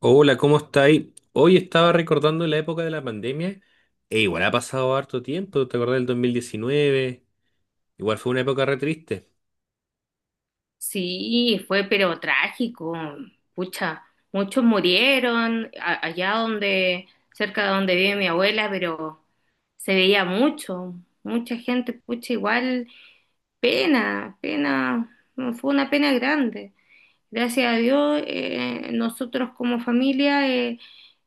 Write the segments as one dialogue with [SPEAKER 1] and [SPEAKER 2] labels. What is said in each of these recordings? [SPEAKER 1] Hola, ¿cómo estáis? Hoy estaba recordando la época de la pandemia e igual ha pasado harto tiempo, ¿te acordás del 2019? Igual fue una época re triste.
[SPEAKER 2] Sí, fue pero trágico, pucha, muchos murieron allá donde, cerca de donde vive mi abuela, pero se veía mucho, mucha gente, pucha, igual, pena, pena, no, fue una pena grande. Gracias a Dios, nosotros como familia eh,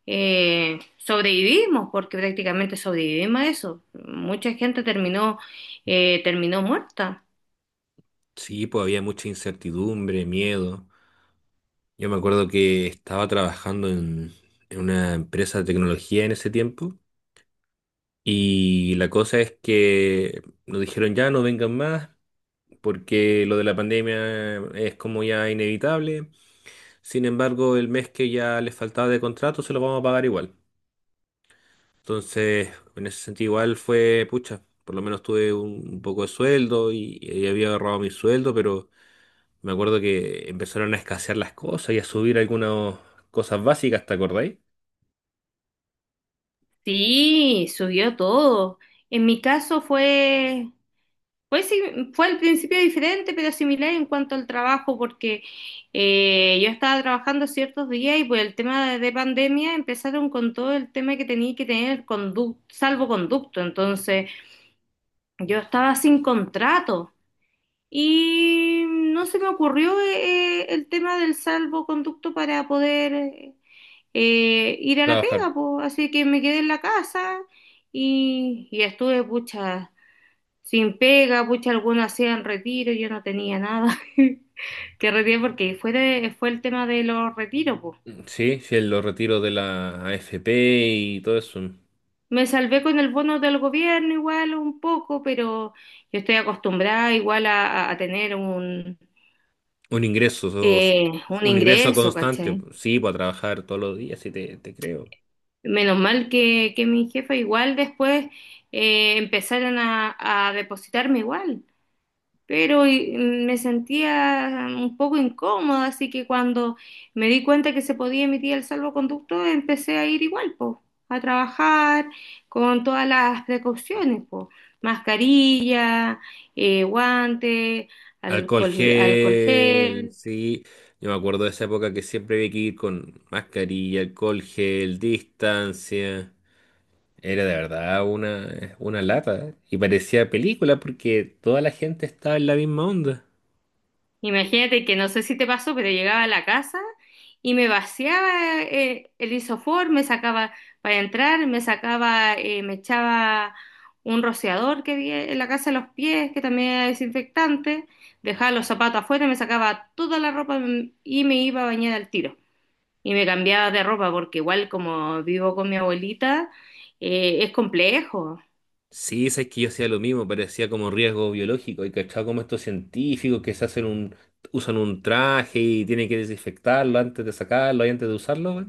[SPEAKER 2] eh, sobrevivimos, porque prácticamente sobrevivimos a eso. Mucha gente terminó muerta.
[SPEAKER 1] Sí, pues había mucha incertidumbre, miedo. Yo me acuerdo que estaba trabajando en una empresa de tecnología en ese tiempo, y la cosa es que nos dijeron ya no vengan más porque lo de la pandemia es como ya inevitable. Sin embargo, el mes que ya les faltaba de contrato se lo vamos a pagar igual. Entonces, en ese sentido igual fue, pucha, por lo menos tuve un poco de sueldo y había agarrado mi sueldo, pero me acuerdo que empezaron a escasear las cosas y a subir algunas cosas básicas, ¿te acordáis?
[SPEAKER 2] Sí, subió todo. En mi caso fue, pues sí, fue al principio diferente, pero similar en cuanto al trabajo, porque yo estaba trabajando ciertos días y por el tema de pandemia empezaron con todo el tema que tenía que tener salvoconducto. Entonces, yo estaba sin contrato y no se me ocurrió el tema del salvoconducto para poder ir a la
[SPEAKER 1] Trabajar.
[SPEAKER 2] pega, pues. Así que me quedé en la casa y estuve, pucha, sin pega, pucha, algunos hacían retiro, yo no tenía nada que retirar porque fue el tema de los retiros, pues.
[SPEAKER 1] Mm, sí, sí, los retiros de la AFP y todo eso.
[SPEAKER 2] Me salvé con el bono del gobierno igual un poco, pero yo estoy acostumbrada igual a tener
[SPEAKER 1] Un ingreso, sos-
[SPEAKER 2] un
[SPEAKER 1] un ingreso
[SPEAKER 2] ingreso,
[SPEAKER 1] constante.
[SPEAKER 2] ¿cachai?
[SPEAKER 1] Sí, para trabajar todos los días, sí te creo.
[SPEAKER 2] Menos mal que mi jefa igual después empezaron a depositarme igual. Pero me sentía un poco incómoda, así que cuando me di cuenta que se podía emitir el salvoconducto, empecé a ir igual, po, a trabajar con todas las precauciones, po, mascarilla, guante,
[SPEAKER 1] Alcohol
[SPEAKER 2] alcohol, alcohol
[SPEAKER 1] gel,
[SPEAKER 2] gel.
[SPEAKER 1] sí. Yo me acuerdo de esa época que siempre había que ir con mascarilla, alcohol gel, distancia. Era de verdad una lata. Y parecía película porque toda la gente estaba en la misma onda.
[SPEAKER 2] Imagínate que no sé si te pasó, pero llegaba a la casa y me vaciaba el isofor, me sacaba para entrar, me sacaba, me echaba un rociador que había en la casa de los pies, que también era desinfectante, dejaba los zapatos afuera, me sacaba toda la ropa y me iba a bañar al tiro. Y me cambiaba de ropa porque igual como vivo con mi abuelita, es complejo.
[SPEAKER 1] Sí, sabes que yo hacía lo mismo, parecía como riesgo biológico. Y cachado como estos científicos que se hacen un, usan un traje y tienen que desinfectarlo antes de sacarlo y antes de usarlo, güey.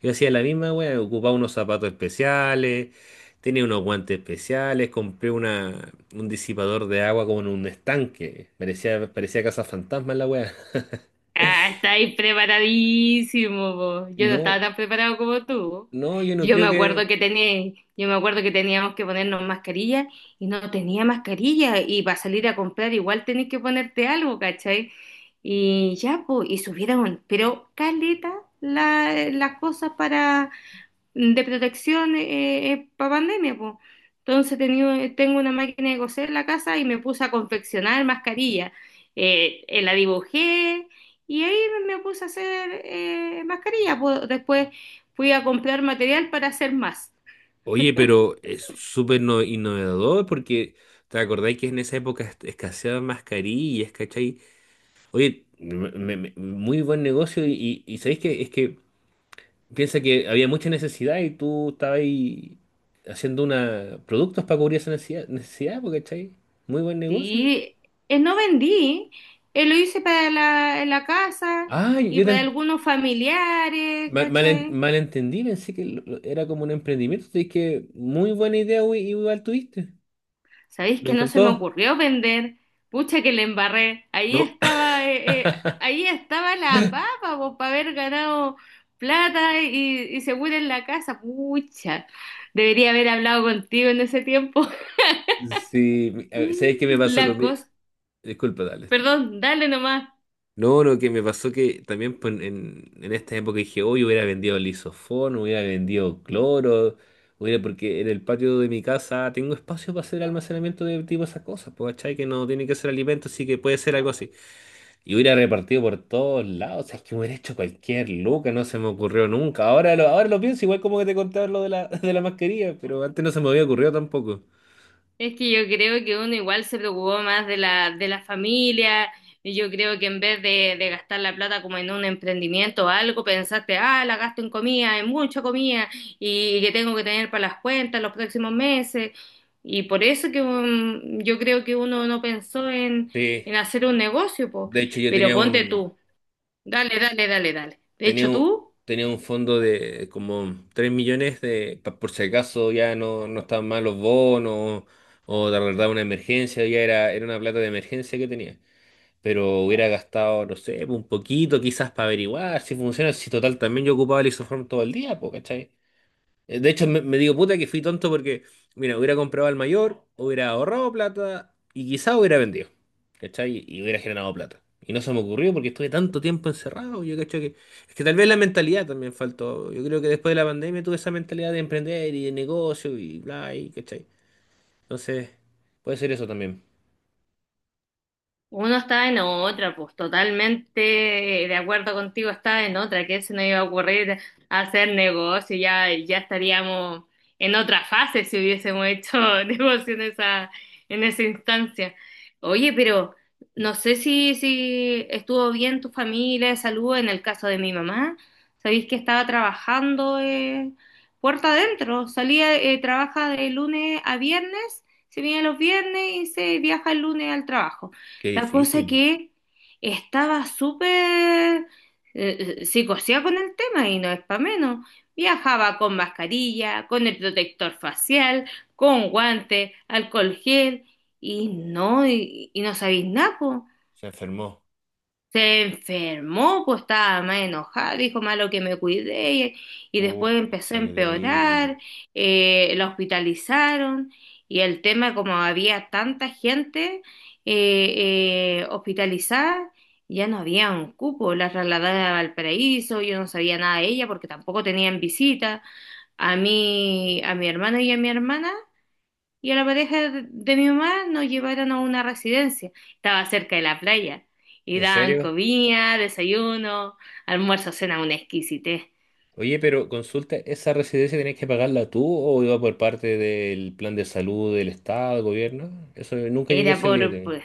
[SPEAKER 1] Yo hacía la misma wea, ocupaba unos zapatos especiales, tenía unos guantes especiales, compré una, un disipador de agua como en un estanque. Parecía, parecía casa fantasma la wea.
[SPEAKER 2] Ah, estáis preparadísimo, po. Yo no estaba
[SPEAKER 1] No,
[SPEAKER 2] tan preparado como tú.
[SPEAKER 1] no, yo no
[SPEAKER 2] Yo me
[SPEAKER 1] creo que.
[SPEAKER 2] acuerdo que yo me acuerdo que teníamos que ponernos mascarilla y no tenía mascarilla y para salir a comprar igual tenés que ponerte algo, ¿cachai? Y ya, pues, y subieron, pero caleta las cosas de protección pa pandemia, pues. Entonces tengo una máquina de coser en la casa y me puse a confeccionar mascarillas. La dibujé y ahí me puse a hacer mascarillas, po. Después fui a comprar material para hacer más.
[SPEAKER 1] Oye, pero es súper no- innovador porque te acordáis que en esa época est- escaseaban mascarillas, ¿cachai? Oye, me- me- me- muy buen negocio y ¿sabéis que es que piensa que había mucha necesidad y tú estabas ahí haciendo una, productos para cubrir esa necesidad, necesidad, porque ¿cachai? Muy buen negocio.
[SPEAKER 2] Sí, no vendí, lo hice para en la casa
[SPEAKER 1] Ah,
[SPEAKER 2] y
[SPEAKER 1] yo
[SPEAKER 2] para
[SPEAKER 1] te,
[SPEAKER 2] algunos familiares,
[SPEAKER 1] mal, mal, en-
[SPEAKER 2] ¿cachai?
[SPEAKER 1] malentendí, pensé que lo- era como un emprendimiento. Así que muy buena idea, güey, igual tuviste.
[SPEAKER 2] ¿Sabéis
[SPEAKER 1] Me
[SPEAKER 2] que no se me
[SPEAKER 1] encantó.
[SPEAKER 2] ocurrió vender? Pucha que le embarré.
[SPEAKER 1] No.
[SPEAKER 2] Ahí estaba la papa, po, para haber ganado plata y seguro en la casa. Pucha, debería haber hablado contigo en ese tiempo.
[SPEAKER 1] Sí, mi- a ver, sabes que me pasó lo
[SPEAKER 2] La
[SPEAKER 1] mismo.
[SPEAKER 2] cosa,
[SPEAKER 1] Disculpa, dale.
[SPEAKER 2] perdón, dale nomás.
[SPEAKER 1] No, lo que me pasó que también pues, en esta época dije, hoy hubiera vendido lisofón, hubiera vendido cloro, hubiera, porque en el patio de mi casa tengo espacio para hacer almacenamiento de tipo esas cosas, pues, ¿cachai? Que no tiene que ser alimento, así que puede ser algo así. Y hubiera repartido por todos lados, o sea, es que hubiera hecho cualquier loca, no se me ocurrió nunca. Ahora lo pienso, igual como que te contaba lo de la, de la mascarilla, pero antes no se me había ocurrido tampoco.
[SPEAKER 2] Es que yo creo que uno igual se preocupó más de de la familia, y yo creo que en vez de gastar la plata como en un emprendimiento o algo, pensaste, ah, la gasto en comida, en mucha comida, y, que tengo que tener para las cuentas los próximos meses. Y por eso que yo creo que uno no pensó
[SPEAKER 1] Sí,
[SPEAKER 2] en hacer un negocio, po.
[SPEAKER 1] de hecho yo
[SPEAKER 2] Pero
[SPEAKER 1] tenía
[SPEAKER 2] ponte
[SPEAKER 1] un,
[SPEAKER 2] tú, dale, dale, dale, dale. De
[SPEAKER 1] tenía
[SPEAKER 2] hecho,
[SPEAKER 1] un,
[SPEAKER 2] tú.
[SPEAKER 1] tenía un fondo de como 3 millones de, pa- por si acaso ya no, no estaban mal los bonos o de verdad una emergencia, ya era, era una plata de emergencia que tenía. Pero hubiera gastado, no sé, un poquito quizás para averiguar si funciona, si total también yo ocupaba el isoform todo el día, pues, ¿cachai? De hecho, me digo, puta, que fui tonto porque, mira, hubiera comprado al mayor, hubiera ahorrado plata y quizá hubiera vendido, ¿cachai? Y hubiera generado plata. Y no se me ocurrió porque estuve tanto tiempo encerrado. Yo cacho que. Es que tal vez la mentalidad también faltó. Yo creo que después de la pandemia tuve esa mentalidad de emprender y de negocio y bla, y ¿cachai? Entonces, puede ser eso también.
[SPEAKER 2] Uno está en otra, pues totalmente de acuerdo contigo, está en otra, que se nos iba a ocurrir hacer negocio, ya, ya estaríamos en otra fase si hubiésemos hecho negocio en esa instancia. Oye, pero no sé si, si estuvo bien tu familia de salud en el caso de mi mamá. Sabéis que estaba trabajando puerta adentro, salía, trabaja de lunes a viernes, se viene los viernes y se viaja el lunes al trabajo.
[SPEAKER 1] Qué
[SPEAKER 2] La cosa
[SPEAKER 1] difícil.
[SPEAKER 2] que estaba súper psicoseada con el tema y no es para menos. Viajaba con mascarilla, con el protector facial, con guantes, alcohol gel y no sabéis nada, po.
[SPEAKER 1] Se enfermó.
[SPEAKER 2] Se enfermó, pues estaba más enojada, dijo malo que me cuidé y después empezó
[SPEAKER 1] Pucha,
[SPEAKER 2] a
[SPEAKER 1] qué terrible.
[SPEAKER 2] empeorar, la hospitalizaron y el tema como había tanta gente hospitalizada, ya no había un cupo, la trasladaron a Valparaíso, yo no sabía nada de ella porque tampoco tenían visita, a mí, a mi hermano y a mi hermana y a la pareja de mi mamá nos llevaron a una residencia. Estaba cerca de la playa y
[SPEAKER 1] ¿En
[SPEAKER 2] daban
[SPEAKER 1] serio?
[SPEAKER 2] comida, desayuno, almuerzo, cena, una exquisitez.
[SPEAKER 1] Oye, pero consulta, ¿esa residencia tenés que pagarla tú o iba por parte del plan de salud del Estado, del gobierno? Eso nunca llegué a
[SPEAKER 2] Era
[SPEAKER 1] ser libre.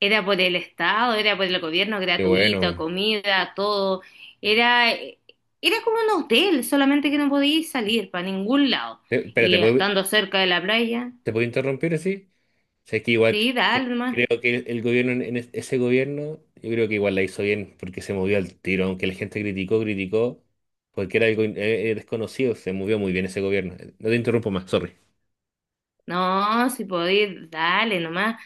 [SPEAKER 2] era por el Estado, era por el gobierno,
[SPEAKER 1] Qué
[SPEAKER 2] gratuito,
[SPEAKER 1] bueno.
[SPEAKER 2] comida, todo. Era, era como un hotel, solamente que no podías salir para ningún lado.
[SPEAKER 1] Te- Espera,
[SPEAKER 2] Y estando cerca de la playa,
[SPEAKER 1] te puedo interrumpir así? Sé que igual
[SPEAKER 2] sí, dale
[SPEAKER 1] cre- creo
[SPEAKER 2] nomás.
[SPEAKER 1] que el gobierno, en es- ese gobierno, yo creo que igual la hizo bien porque se movió al tiro, aunque la gente criticó, criticó, porque era algo in- desconocido, se movió muy bien ese gobierno. No te interrumpo más, sorry.
[SPEAKER 2] No, si podéis, dale nomás.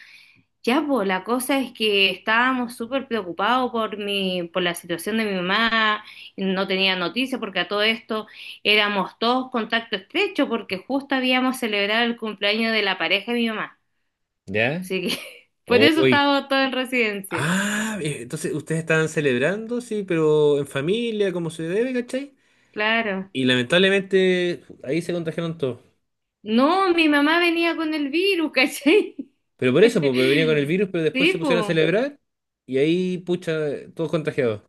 [SPEAKER 2] Ya, pues la cosa es que estábamos súper preocupados por mi, por la situación de mi mamá, no tenía noticia porque a todo esto éramos todos contacto estrecho porque justo habíamos celebrado el cumpleaños de la pareja de mi mamá.
[SPEAKER 1] ¿Ya?
[SPEAKER 2] Así que por eso
[SPEAKER 1] Uy,
[SPEAKER 2] estábamos todos en residencia.
[SPEAKER 1] ah, entonces ustedes estaban celebrando, sí, pero en familia, como se debe, ¿cachai?
[SPEAKER 2] Claro.
[SPEAKER 1] Y lamentablemente ahí se contagiaron todos.
[SPEAKER 2] No, mi mamá venía con el virus, ¿cachai?
[SPEAKER 1] Pero por eso, porque venía con el virus, pero después se
[SPEAKER 2] Sí,
[SPEAKER 1] pusieron a
[SPEAKER 2] pues.
[SPEAKER 1] celebrar y ahí, pucha, todos contagiados.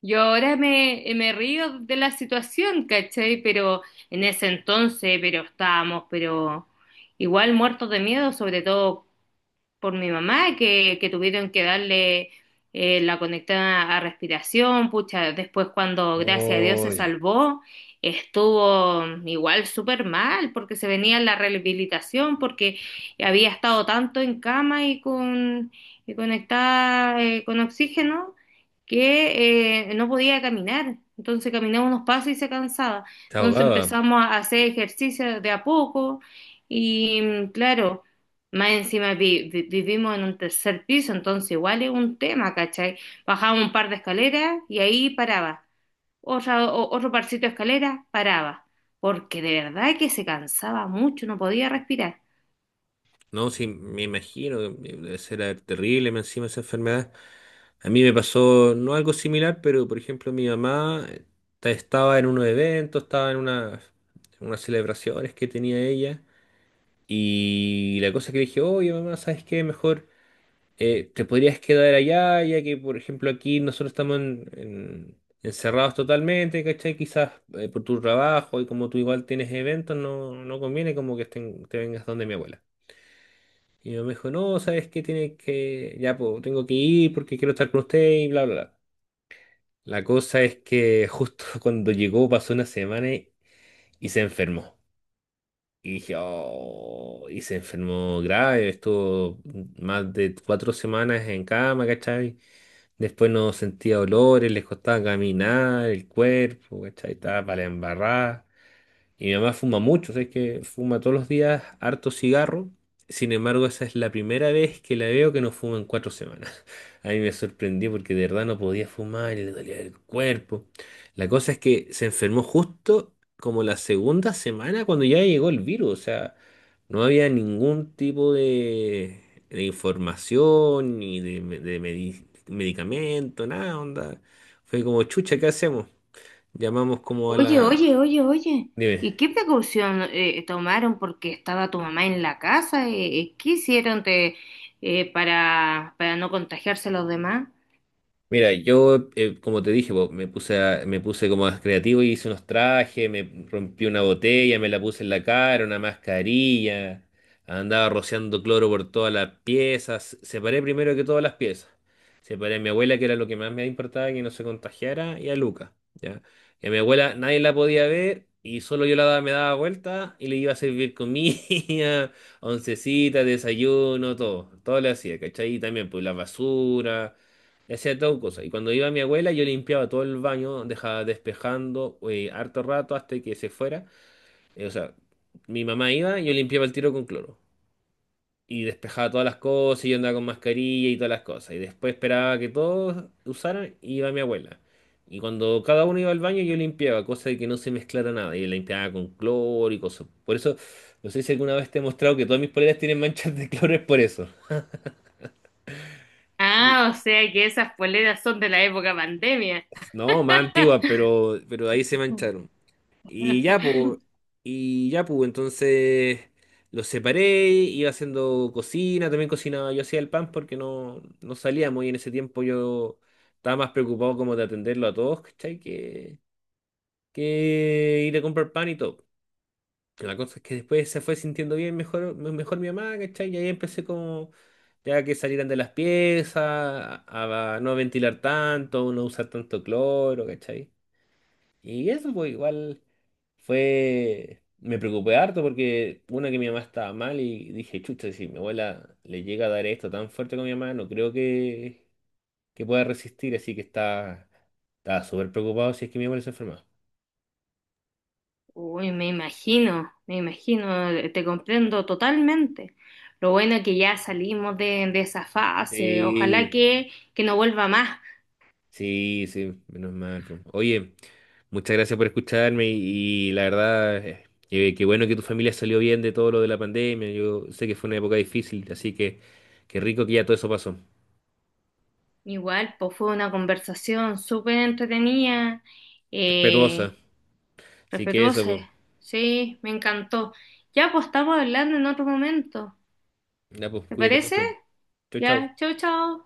[SPEAKER 2] Yo ahora me río de la situación, ¿cachai? Pero en ese entonces, pero estábamos, pero igual muertos de miedo, sobre todo por mi mamá, que tuvieron que darle la conectada a respiración, pucha, después cuando gracias a Dios se
[SPEAKER 1] Uy,
[SPEAKER 2] salvó, estuvo igual súper mal, porque se venía la rehabilitación, porque había estado tanto en cama y conectada con oxígeno que no podía caminar. Entonces caminaba unos pasos y se cansaba.
[SPEAKER 1] te
[SPEAKER 2] Entonces
[SPEAKER 1] ahogaba.
[SPEAKER 2] empezamos a hacer ejercicio de a poco y claro. Más encima vivimos en un tercer piso, entonces igual es un tema, ¿cachai? Bajaba un par de escaleras y ahí paraba. Otro parcito de escaleras, paraba. Porque de verdad que se cansaba mucho, no podía respirar.
[SPEAKER 1] No, sí, me imagino que debe ser terrible más encima esa enfermedad. A mí me pasó no algo similar, pero por ejemplo mi mamá ta- estaba en unos eventos, estaba en una- en unas celebraciones que tenía ella. Y la cosa que dije, oye mamá, ¿sabes qué? Mejor te podrías quedar allá, ya que por ejemplo aquí nosotros estamos en- encerrados totalmente, ¿cachai? Quizás por tu trabajo y como tú igual tienes eventos, no, no conviene como que estén- te vengas donde mi abuela. Y mi mamá me dijo, no, ¿sabes qué? Tienes que, ya, pues tengo que ir porque quiero estar con usted y bla, bla, bla. La cosa es que justo cuando llegó pasó una semana y se enfermó. Y dije, "Oh", y se enfermó grave, estuvo más de 4 semanas en cama, ¿cachai? Después no sentía olores, les costaba caminar, el cuerpo, ¿cachai? Estaba para la embarrada. Y mi mamá fuma mucho, o sea, es que fuma todos los días harto cigarro. Sin embargo, esa es la primera vez que la veo que no fuma en 4 semanas. A mí me sorprendió porque de verdad no podía fumar y le dolía el cuerpo. La cosa es que se enfermó justo como la segunda semana cuando ya llegó el virus. O sea, no había ningún tipo de información ni de, me- de medi- medicamento, nada, onda. Fue como, chucha, ¿qué hacemos? Llamamos como a
[SPEAKER 2] Oye,
[SPEAKER 1] la...
[SPEAKER 2] oye, oye, oye. ¿Y
[SPEAKER 1] Dime.
[SPEAKER 2] qué precaución tomaron porque estaba tu mamá en la casa? ¿Qué hicieron para no contagiarse a los demás?
[SPEAKER 1] Mira, yo, como te dije, po, me puse a- me puse como más creativo y hice unos trajes, me rompí una botella, me la puse en la cara, una mascarilla, andaba rociando cloro por todas las piezas, separé primero que todas las piezas. Separé a mi abuela, que era lo que más me importaba, que no se contagiara, y a Luca, ¿ya? Y a mi abuela nadie la podía ver y solo yo la daba- me daba vuelta y le iba a servir comida, oncecita, desayuno, todo, todo le hacía, ¿cachai? Y también, pues, la basura. Hacía todo cosa. Y cuando iba mi abuela, yo limpiaba todo el baño, dejaba despejando harto rato hasta que se fuera. O sea, mi mamá iba, yo limpiaba el tiro con cloro. Y despejaba todas las cosas, y yo andaba con mascarilla y todas las cosas. Y después esperaba que todos usaran, y iba mi abuela. Y cuando cada uno iba al baño, yo limpiaba, cosa de que no se mezclara nada. Y limpiaba con cloro y cosas. Por eso, no sé si alguna vez te he mostrado que todas mis poleras tienen manchas de cloro, es por eso. Y-
[SPEAKER 2] Ah, o sea que esas poleras son de la época pandemia.
[SPEAKER 1] no, más antiguas, pero ahí se mancharon. Y ya, pues, y ya, pues, entonces los separé, iba haciendo cocina, también cocinaba, yo hacía el pan porque no, no salíamos y en ese tiempo yo estaba más preocupado como de atenderlo a todos, ¿cachai? Que ir a comprar pan y todo. La cosa es que después se fue sintiendo bien mejor, me- mejor mi mamá, ¿cachai? Y ahí empecé como ya que salieran de las piezas, a no ventilar tanto, no usar tanto cloro, ¿cachai? Y eso, pues igual fue, me preocupé harto porque una que mi mamá estaba mal y dije, chucha, si mi abuela le llega a dar esto tan fuerte con mi mamá, no creo que pueda resistir, así que estaba, estaba súper preocupado si es que mi abuela se enferma.
[SPEAKER 2] Uy, me imagino, te comprendo totalmente. Lo bueno es que ya salimos de esa fase, ojalá
[SPEAKER 1] Sí,
[SPEAKER 2] que no vuelva más.
[SPEAKER 1] sí, sí, menos mal. Po. Oye, muchas gracias por escucharme y la verdad, qué bueno que tu familia salió bien de todo lo de la pandemia. Yo sé que fue una época difícil, así que qué rico que ya todo eso pasó.
[SPEAKER 2] Igual, pues fue una conversación súper entretenida, eh,
[SPEAKER 1] Respetuosa. Así que eso,
[SPEAKER 2] respetuosa,
[SPEAKER 1] pues.
[SPEAKER 2] sí, me encantó. Ya, pues estamos hablando en otro momento,
[SPEAKER 1] Ya, pues,
[SPEAKER 2] ¿te
[SPEAKER 1] cuídate
[SPEAKER 2] parece?
[SPEAKER 1] mucho. Chau, chau.
[SPEAKER 2] Ya, chau, chau.